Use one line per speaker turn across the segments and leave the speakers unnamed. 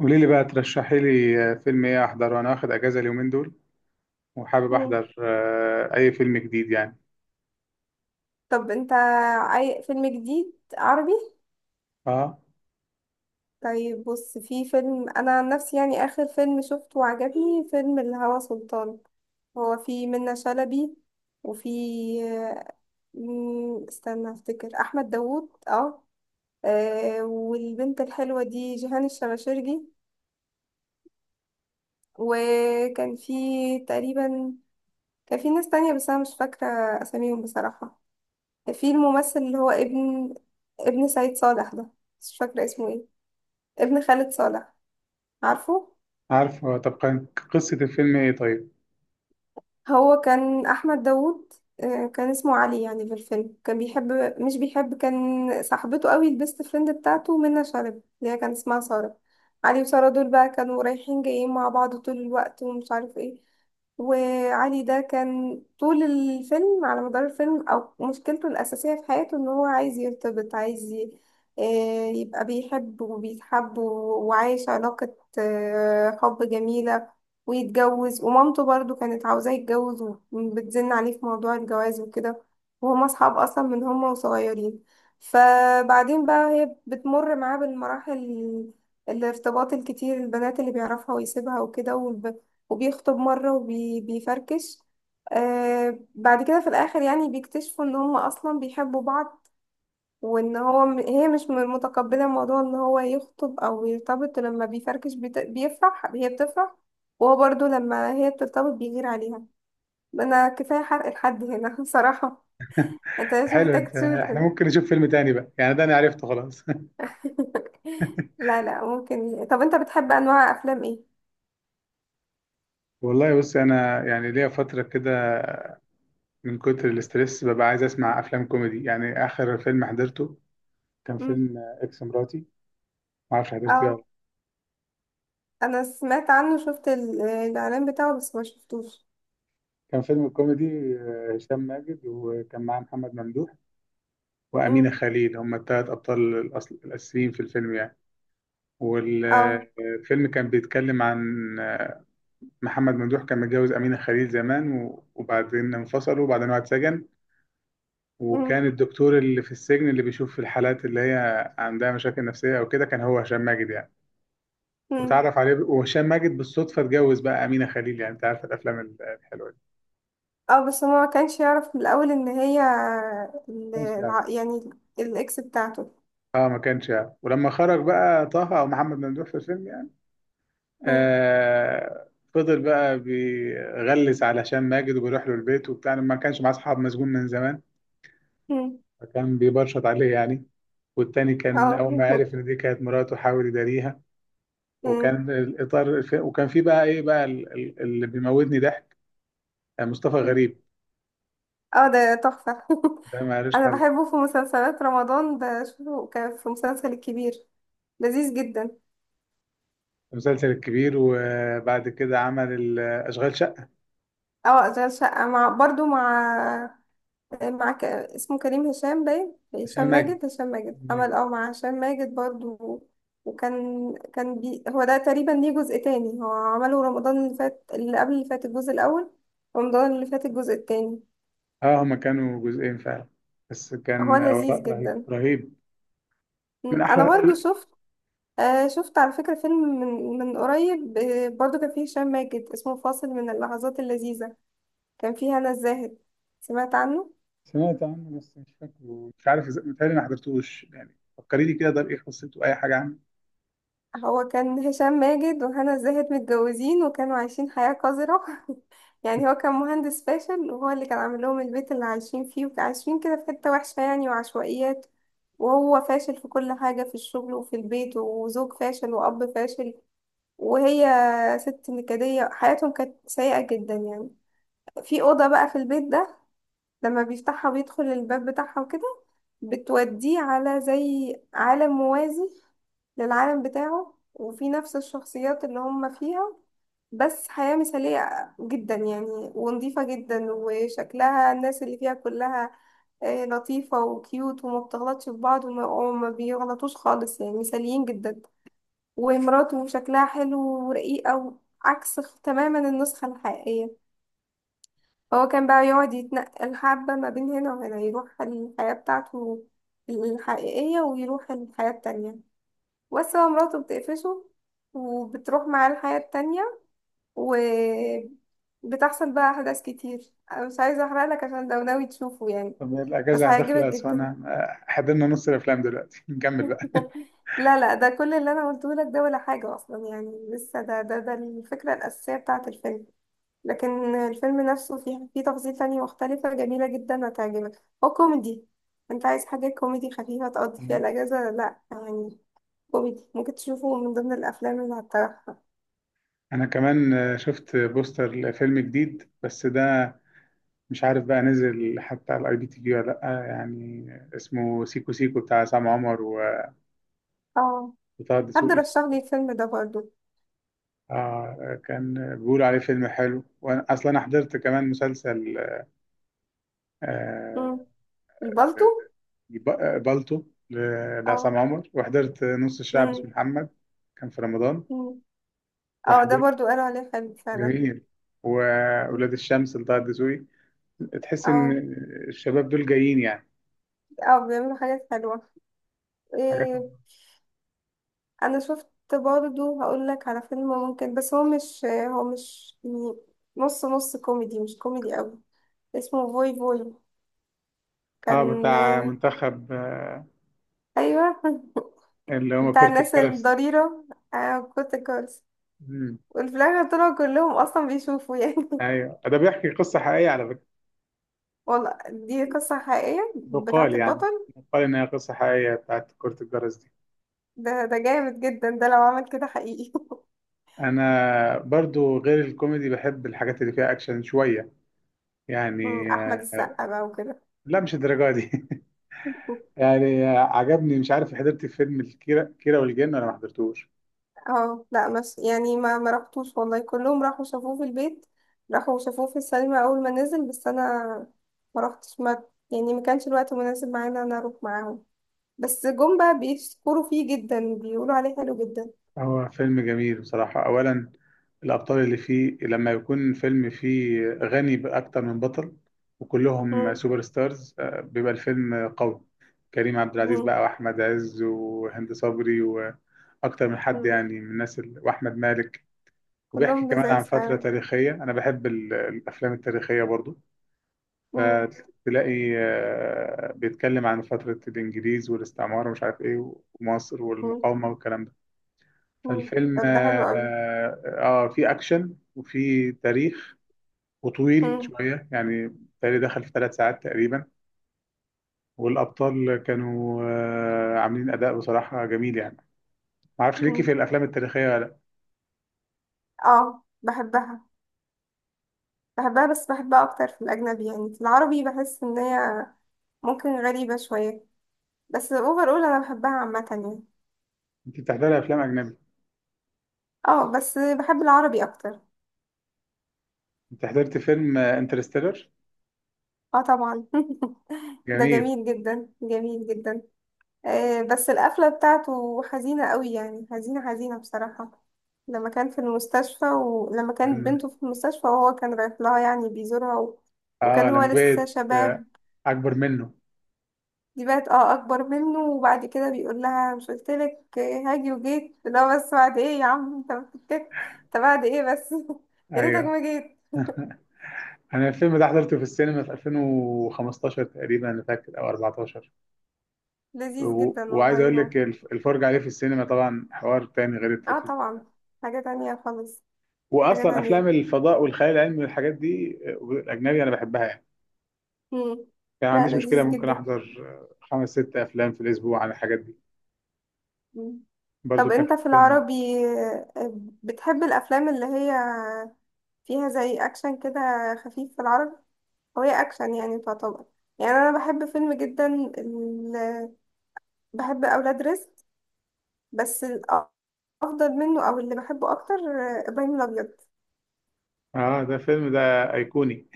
قولي لي بقى ترشحي لي فيلم ايه احضره انا واخد اجازه اليومين دول. وحابب
مم.
احضر اي فيلم جديد يعني.
طب انت فيلم جديد عربي؟
اه،
طيب بص، في فيلم، انا عن نفسي يعني اخر فيلم شفته وعجبني فيلم الهوى سلطان. هو في منة شلبي، وفي استنى افتكر، احمد داوود. اه. والبنت الحلوة دي جيهان الشماشرجي. وكان في تقريبا، كان في ناس تانية بس انا مش فاكرة اساميهم بصراحة. في الممثل اللي هو ابن سعيد صالح ده، مش فاكرة اسمه ايه، ابن خالد صالح. عارفه؟
عارف هو. طب كان قصه الفيلم ايه طيب؟
هو كان احمد داوود. كان اسمه علي يعني في الفيلم. كان بيحب، مش بيحب، كان صاحبته قوي، البيست فريند بتاعته منى شلبي اللي هي كان اسمها سارة. علي وسارة دول بقى كانوا رايحين جايين مع بعض طول الوقت ومش عارف ايه. وعلي ده كان طول الفيلم، على مدار الفيلم، او مشكلته الاساسيه في حياته ان هو عايز يرتبط، عايز يبقى بيحب وبيتحب و- وعايش علاقه حب جميله، ويتجوز. ومامته برضو كانت عاوزاه يتجوز وبتزن عليه في موضوع الجواز وكده، وهما اصحاب اصلا من هما وصغيرين. فبعدين بقى هي بتمر معاه بالمراحل، الارتباط الكتير، البنات اللي بيعرفها ويسيبها وكده، وبيخطب مرة وبيفركش. بعد كده في الآخر يعني بيكتشفوا إن هما أصلا بيحبوا بعض، وان هو هي مش متقبله موضوع ان هو يخطب او يرتبط. لما بيفركش بيفرح، هي بتفرح. وهو برضو لما هي بترتبط بيغير عليها. انا كفايه حرق الحد هنا بصراحه. انت مش
حلو
محتاج
انت. احنا
تشوفه.
ممكن نشوف فيلم تاني بقى يعني، ده انا عرفته خلاص.
لا لا، ممكن. طب انت بتحب انواع افلام ايه؟
والله بص، انا يعني ليا فتره كده من كتر الاسترس ببقى عايز اسمع افلام كوميدي. يعني اخر فيلم حضرته كان
مم.
فيلم اكس مراتي. ما اعرفش حضرته ولا لأ.
اه، انا سمعت عنه، شفت الاعلان بتاعه بس ما شفتوش.
كان فيلم كوميدي، هشام ماجد وكان معاه محمد ممدوح وأمينة
مم.
خليل، هم الثلاث أبطال الأصل الأساسيين في الفيلم يعني.
اه.
والفيلم كان بيتكلم عن محمد ممدوح. كان متجوز أمينة خليل زمان و- وبعدين انفصلوا، وبعدين واحد سجن.
مم.
وكان الدكتور اللي في السجن اللي بيشوف في الحالات اللي هي عندها مشاكل نفسية أو كده كان هو هشام ماجد يعني.
مم.
وهشام ماجد بالصدفة اتجوز بقى أمينة خليل. يعني أنت عارف الأفلام الحلوة دي.
اه، بس هو ما كانش يعرف من الاول ان هي
كانش يعرف.
يعني الاكس بتاعته.
اه، ما كانش يعرف، ولما خرج بقى طه او محمد ممدوح في الفيلم يعني،
مم.
آه فضل بقى بيغلس على هشام ماجد وبيروح له البيت وبتاع، ما كانش معاه اصحاب مسجون من زمان.
مم.
فكان بيبرشط عليه يعني. والتاني كان
اه
اول ما عرف ان دي كانت مراته حاول يداريها.
مم.
وكان في بقى ايه بقى، اللي بيموتني ضحك، مصطفى
مم.
غريب.
اه، ده تحفة
ده ما لوش
انا
حل.
بحبه في مسلسلات رمضان، بشوفه كان في مسلسل الكبير، لذيذ جدا.
المسلسل الكبير، وبعد كده عمل اشغال شقه،
اه، اشغال شقة مع برضو اسمه كريم هشام، باين
هشام
هشام
ماجد
ماجد. هشام ماجد
هشام
عمل
ماجد
مع هشام ماجد برضو. وكان، هو ده تقريبا ليه جزء تاني، هو عمله رمضان اللي فات اللي قبل اللي فات، الجزء الأول. رمضان اللي فات الجزء التاني.
اه، هما كانوا جزئين فعلا، بس
هو
كان
لذيذ
وراء رهيب
جدا.
رهيب. من
أنا برضو
احلى.
شفت، شفت على فكرة فيلم من قريب، برضو كان فيه هشام ماجد، اسمه فاصل من اللحظات اللذيذة. كان فيه هنا الزاهد. سمعت عنه؟
سمعت عنه بس مش فاكره، مش عارف متهيألي ما حضرتوش يعني. فكريني كده، ده بايه قصته، اي حاجه عنه.
هو كان هشام ماجد وهنا الزاهد متجوزين، وكانوا عايشين حياة قذرة. يعني هو كان مهندس فاشل، وهو اللي كان عامل لهم البيت اللي عايشين فيه، وكان عايشين كده في حتة وحشة يعني، وعشوائيات. وهو فاشل في كل حاجة، في الشغل وفي البيت، وزوج فاشل وأب فاشل. وهي ست نكدية، حياتهم كانت سيئة جدا يعني. في أوضة بقى في البيت ده، لما بيفتحها وبيدخل الباب بتاعها وكده، بتوديه على زي عالم موازي للعالم بتاعه، وفي نفس الشخصيات اللي هم فيها، بس حياة مثالية جدا يعني، ونظيفة جدا، وشكلها الناس اللي فيها كلها لطيفة وكيوت، وما بتغلطش في بعض، وما بيغلطوش خالص، يعني مثاليين جدا. ومراته شكلها حلو، ورقيقة، عكس تماما النسخة الحقيقية. هو كان بقى يقعد يتنقل حبة ما بين هنا وهنا، يروح الحياة بتاعته الحقيقية ويروح الحياة التانية. بس هو مراته بتقفشه، وبتروح معاه الحياة التانية. وبتحصل بقى أحداث كتير، أنا مش عايزة أحرقلك عشان لو ناوي تشوفه يعني.
طب
بس
الأجازة
هيعجبك
هتخلص
جدا.
وأنا حضرنا نص الأفلام دلوقتي. نكمل بقى.
لا لا، ده كل اللي أنا قلته لك ده ولا حاجة أصلا يعني. لسه ده الفكرة الأساسية بتاعة الفيلم. لكن الفيلم نفسه فيه تفاصيل تانية مختلفة جميلة جدا، هتعجبك، هو كوميدي. انت عايز حاجة كوميدي خفيفة تقضي فيها الأجازة، لا يعني كوميدي، ممكن تشوفه من ضمن الأفلام اللي هتطرحها.
أنا كمان شفت بوستر لفيلم جديد، بس ده مش عارف بقى نزل حتى على IPTV ولا لأ يعني. اسمه سيكو سيكو، بتاع عصام عمر و-
اه،
وطه
حد
دسوقي.
رشح لي الفيلم ده برضو.
كان بيقولوا عليه فيلم حلو. وأنا أصلا حضرت كمان مسلسل، آه
مم. البالتو.
بالطو، لعصام
اه.
عمر. وحضرت نص الشعب، اسمه
مم.
محمد، كان في رمضان.
مم. اه، ده برضو قالوا عليه حلو فعلا.
جميل. وولاد
مم.
الشمس لطه الدسوقي. تحس ان
اه.
الشباب دول جايين يعني،
اه، بيعملوا حاجات حلوة.
حاجاتهم.
إيه، انا شفت، برضو هقول لك على فيلم، ممكن، بس هو مش يعني، نص نص، كوميدي مش كوميدي قوي. اسمه فوي فوي.
اه
كان،
بتاع منتخب،
ايوه
اللي هو
بتاع
كرة
الناس
الجرس.
الضريرة. كنت كارس.
مم.
وفي الآخر طلعوا كلهم أصلا بيشوفوا يعني
ايوه، ده بيحكي قصة حقيقية على فكرة.
والله دي قصة حقيقية بتاعة
يقال يعني،
البطل.
يقال ان هي قصة حقيقية بتاعت كرة الجرس دي.
ده جامد جدا، ده لو عمل كده حقيقي.
انا برضو غير الكوميدي بحب الحاجات اللي فيها اكشن شوية، يعني
أحمد السقا بقى وكده
لا مش الدرجة دي. يعني عجبني. مش عارف حضرت فيلم الكيرة كيرة والجن ولا ما حضرتوش.
اه لا، بس يعني ما رحتوش، والله كلهم راحوا شافوه في البيت، راحوا شافوه في السينما اول ما نزل. بس انا ما رحتش، ما يعني ما كانش الوقت مناسب معايا ان انا اروح معاهم. بس جم بقى بيشكروا فيه جدا، بيقولوا عليه حلو جدا.
هو فيلم جميل بصراحة. أولا، الأبطال اللي فيه، لما يكون فيلم فيه غني بأكتر من بطل وكلهم
مم.
سوبر ستارز، بيبقى الفيلم قوي. كريم عبد العزيز
مم.
بقى، وأحمد عز، وهند صبري، وأكتر من حد
مم.
يعني من الناس وأحمد مالك. وبيحكي
كلهم
كمان
لذاذ
عن فترة
فعلا.
تاريخية. أنا بحب الأفلام التاريخية برضو.
مم.
فتلاقي بيتكلم عن فترة الإنجليز والاستعمار ومش عارف إيه، ومصر
مم.
والمقاومة والكلام ده.
مم.
فالفيلم
طب ده حلو قوي.
فيه أكشن وفيه تاريخ، وطويل
مم.
شوية يعني. تاريخ دخل في 3 ساعات تقريبا. والأبطال كانوا عاملين أداء بصراحة جميل يعني. ما أعرفش ليكي
مم.
في الأفلام التاريخية ولا لأ.
اه، بحبها. بحبها بس بحبها اكتر في الاجنبي، يعني في العربي بحس ان هي ممكن غريبة شوية، بس اوفر اول، انا بحبها عامة يعني.
أنت بتحضري أفلام أجنبي؟
اه، بس بحب العربي اكتر.
أنت حضرت فيلم انترستيلر؟
اه طبعا ده
جميل.
جميل جدا، جميل جدا. بس القفلة بتاعته حزينة قوي يعني، حزينة حزينة بصراحة. لما كان في المستشفى، ولما كانت
لما
بنته في المستشفى وهو كان رايح لها يعني بيزورها وكان
آه
هو
لما
لسه
بقيت،
شباب،
أكبر منه.
دي بقت اكبر منه. وبعد كده بيقول لها مش قلتلك هاجي وجيت؟ لا، بس بعد ايه يا عم، انت بعد ايه بس. يا ريتك
أيوه.
ما جيت.
أنا الفيلم ده حضرته في السينما في 2015 تقريبا، أنا فاكر، أو 14.
لذيذ
و-
جدا
وعايز اقول
والله هو.
لك، الفرج عليه في السينما طبعا حوار تاني غير
اه
التلفزيون.
طبعا. حاجة تانية خالص. حاجة
واصلا
تانية.
افلام الفضاء والخيال العلمي والحاجات دي، الاجنبي انا بحبها يعني.
مم.
يعني ما
لا،
عنديش مشكله،
لذيذ
ممكن
جدا.
احضر خمس ست افلام في الاسبوع عن الحاجات دي.
مم.
برضو
طب
كان
انت
في
في
فيلم.
العربي، آه، بتحب الافلام اللي هي فيها زي اكشن كده، خفيف؟ في العربي، هو هي اكشن يعني تعتبر، يعني انا بحب فيلم جدا، ال... بحب اولاد رزق. بس الافضل منه او اللي بحبه اكتر ابراهيم الابيض.
اه، ده فيلم، ده ايقوني.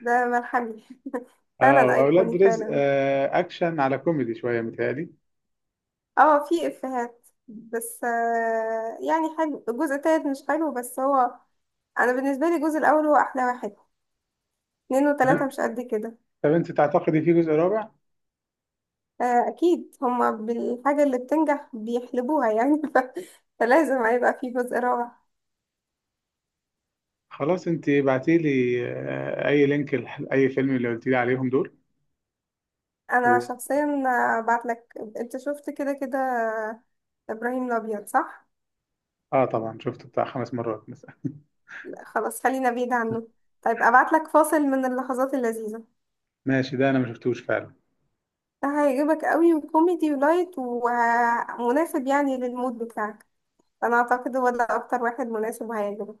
ده ملحمي
اه،
فعلا
واولاد
ايقوني
رزق
فعلا.
اكشن على كوميدي شويه متهيألي.
اه، في افيهات بس يعني حلو. الجزء التالت مش حلو، بس هو انا بالنسبه لي الجزء الاول هو احلى واحد، اتنين وتلاته
تمام.
مش قد كده.
طب انت تعتقدي في جزء رابع؟
اكيد هما بالحاجه اللي بتنجح بيحلبوها يعني فلازم هيبقى في جزء رابع.
خلاص، انت بعتي لي اي لينك لاي فيلم اللي قلت لي عليهم دول و...
انا شخصيا بعت لك، انت شفت كده كده ابراهيم الابيض، صح؟
اه طبعا شفته بتاع خمس مرات مثلا.
لا، خلاص خلينا بعيد عنه. طيب ابعت لك فاصل من اللحظات اللذيذه،
ماشي، ده انا ما شفتوش فعلا.
ده هيعجبك قوي، وكوميدي ولايت ومناسب يعني للمود بتاعك. انا اعتقد هو ده اكتر واحد مناسب وهيعجبك.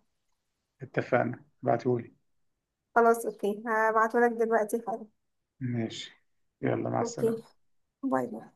اتفقنا، ابعتهولي.
خلاص، اوكي، هبعتهولك دلوقتي حالا.
ماشي. يلا، مع السلامة.
اوكي. باي باي.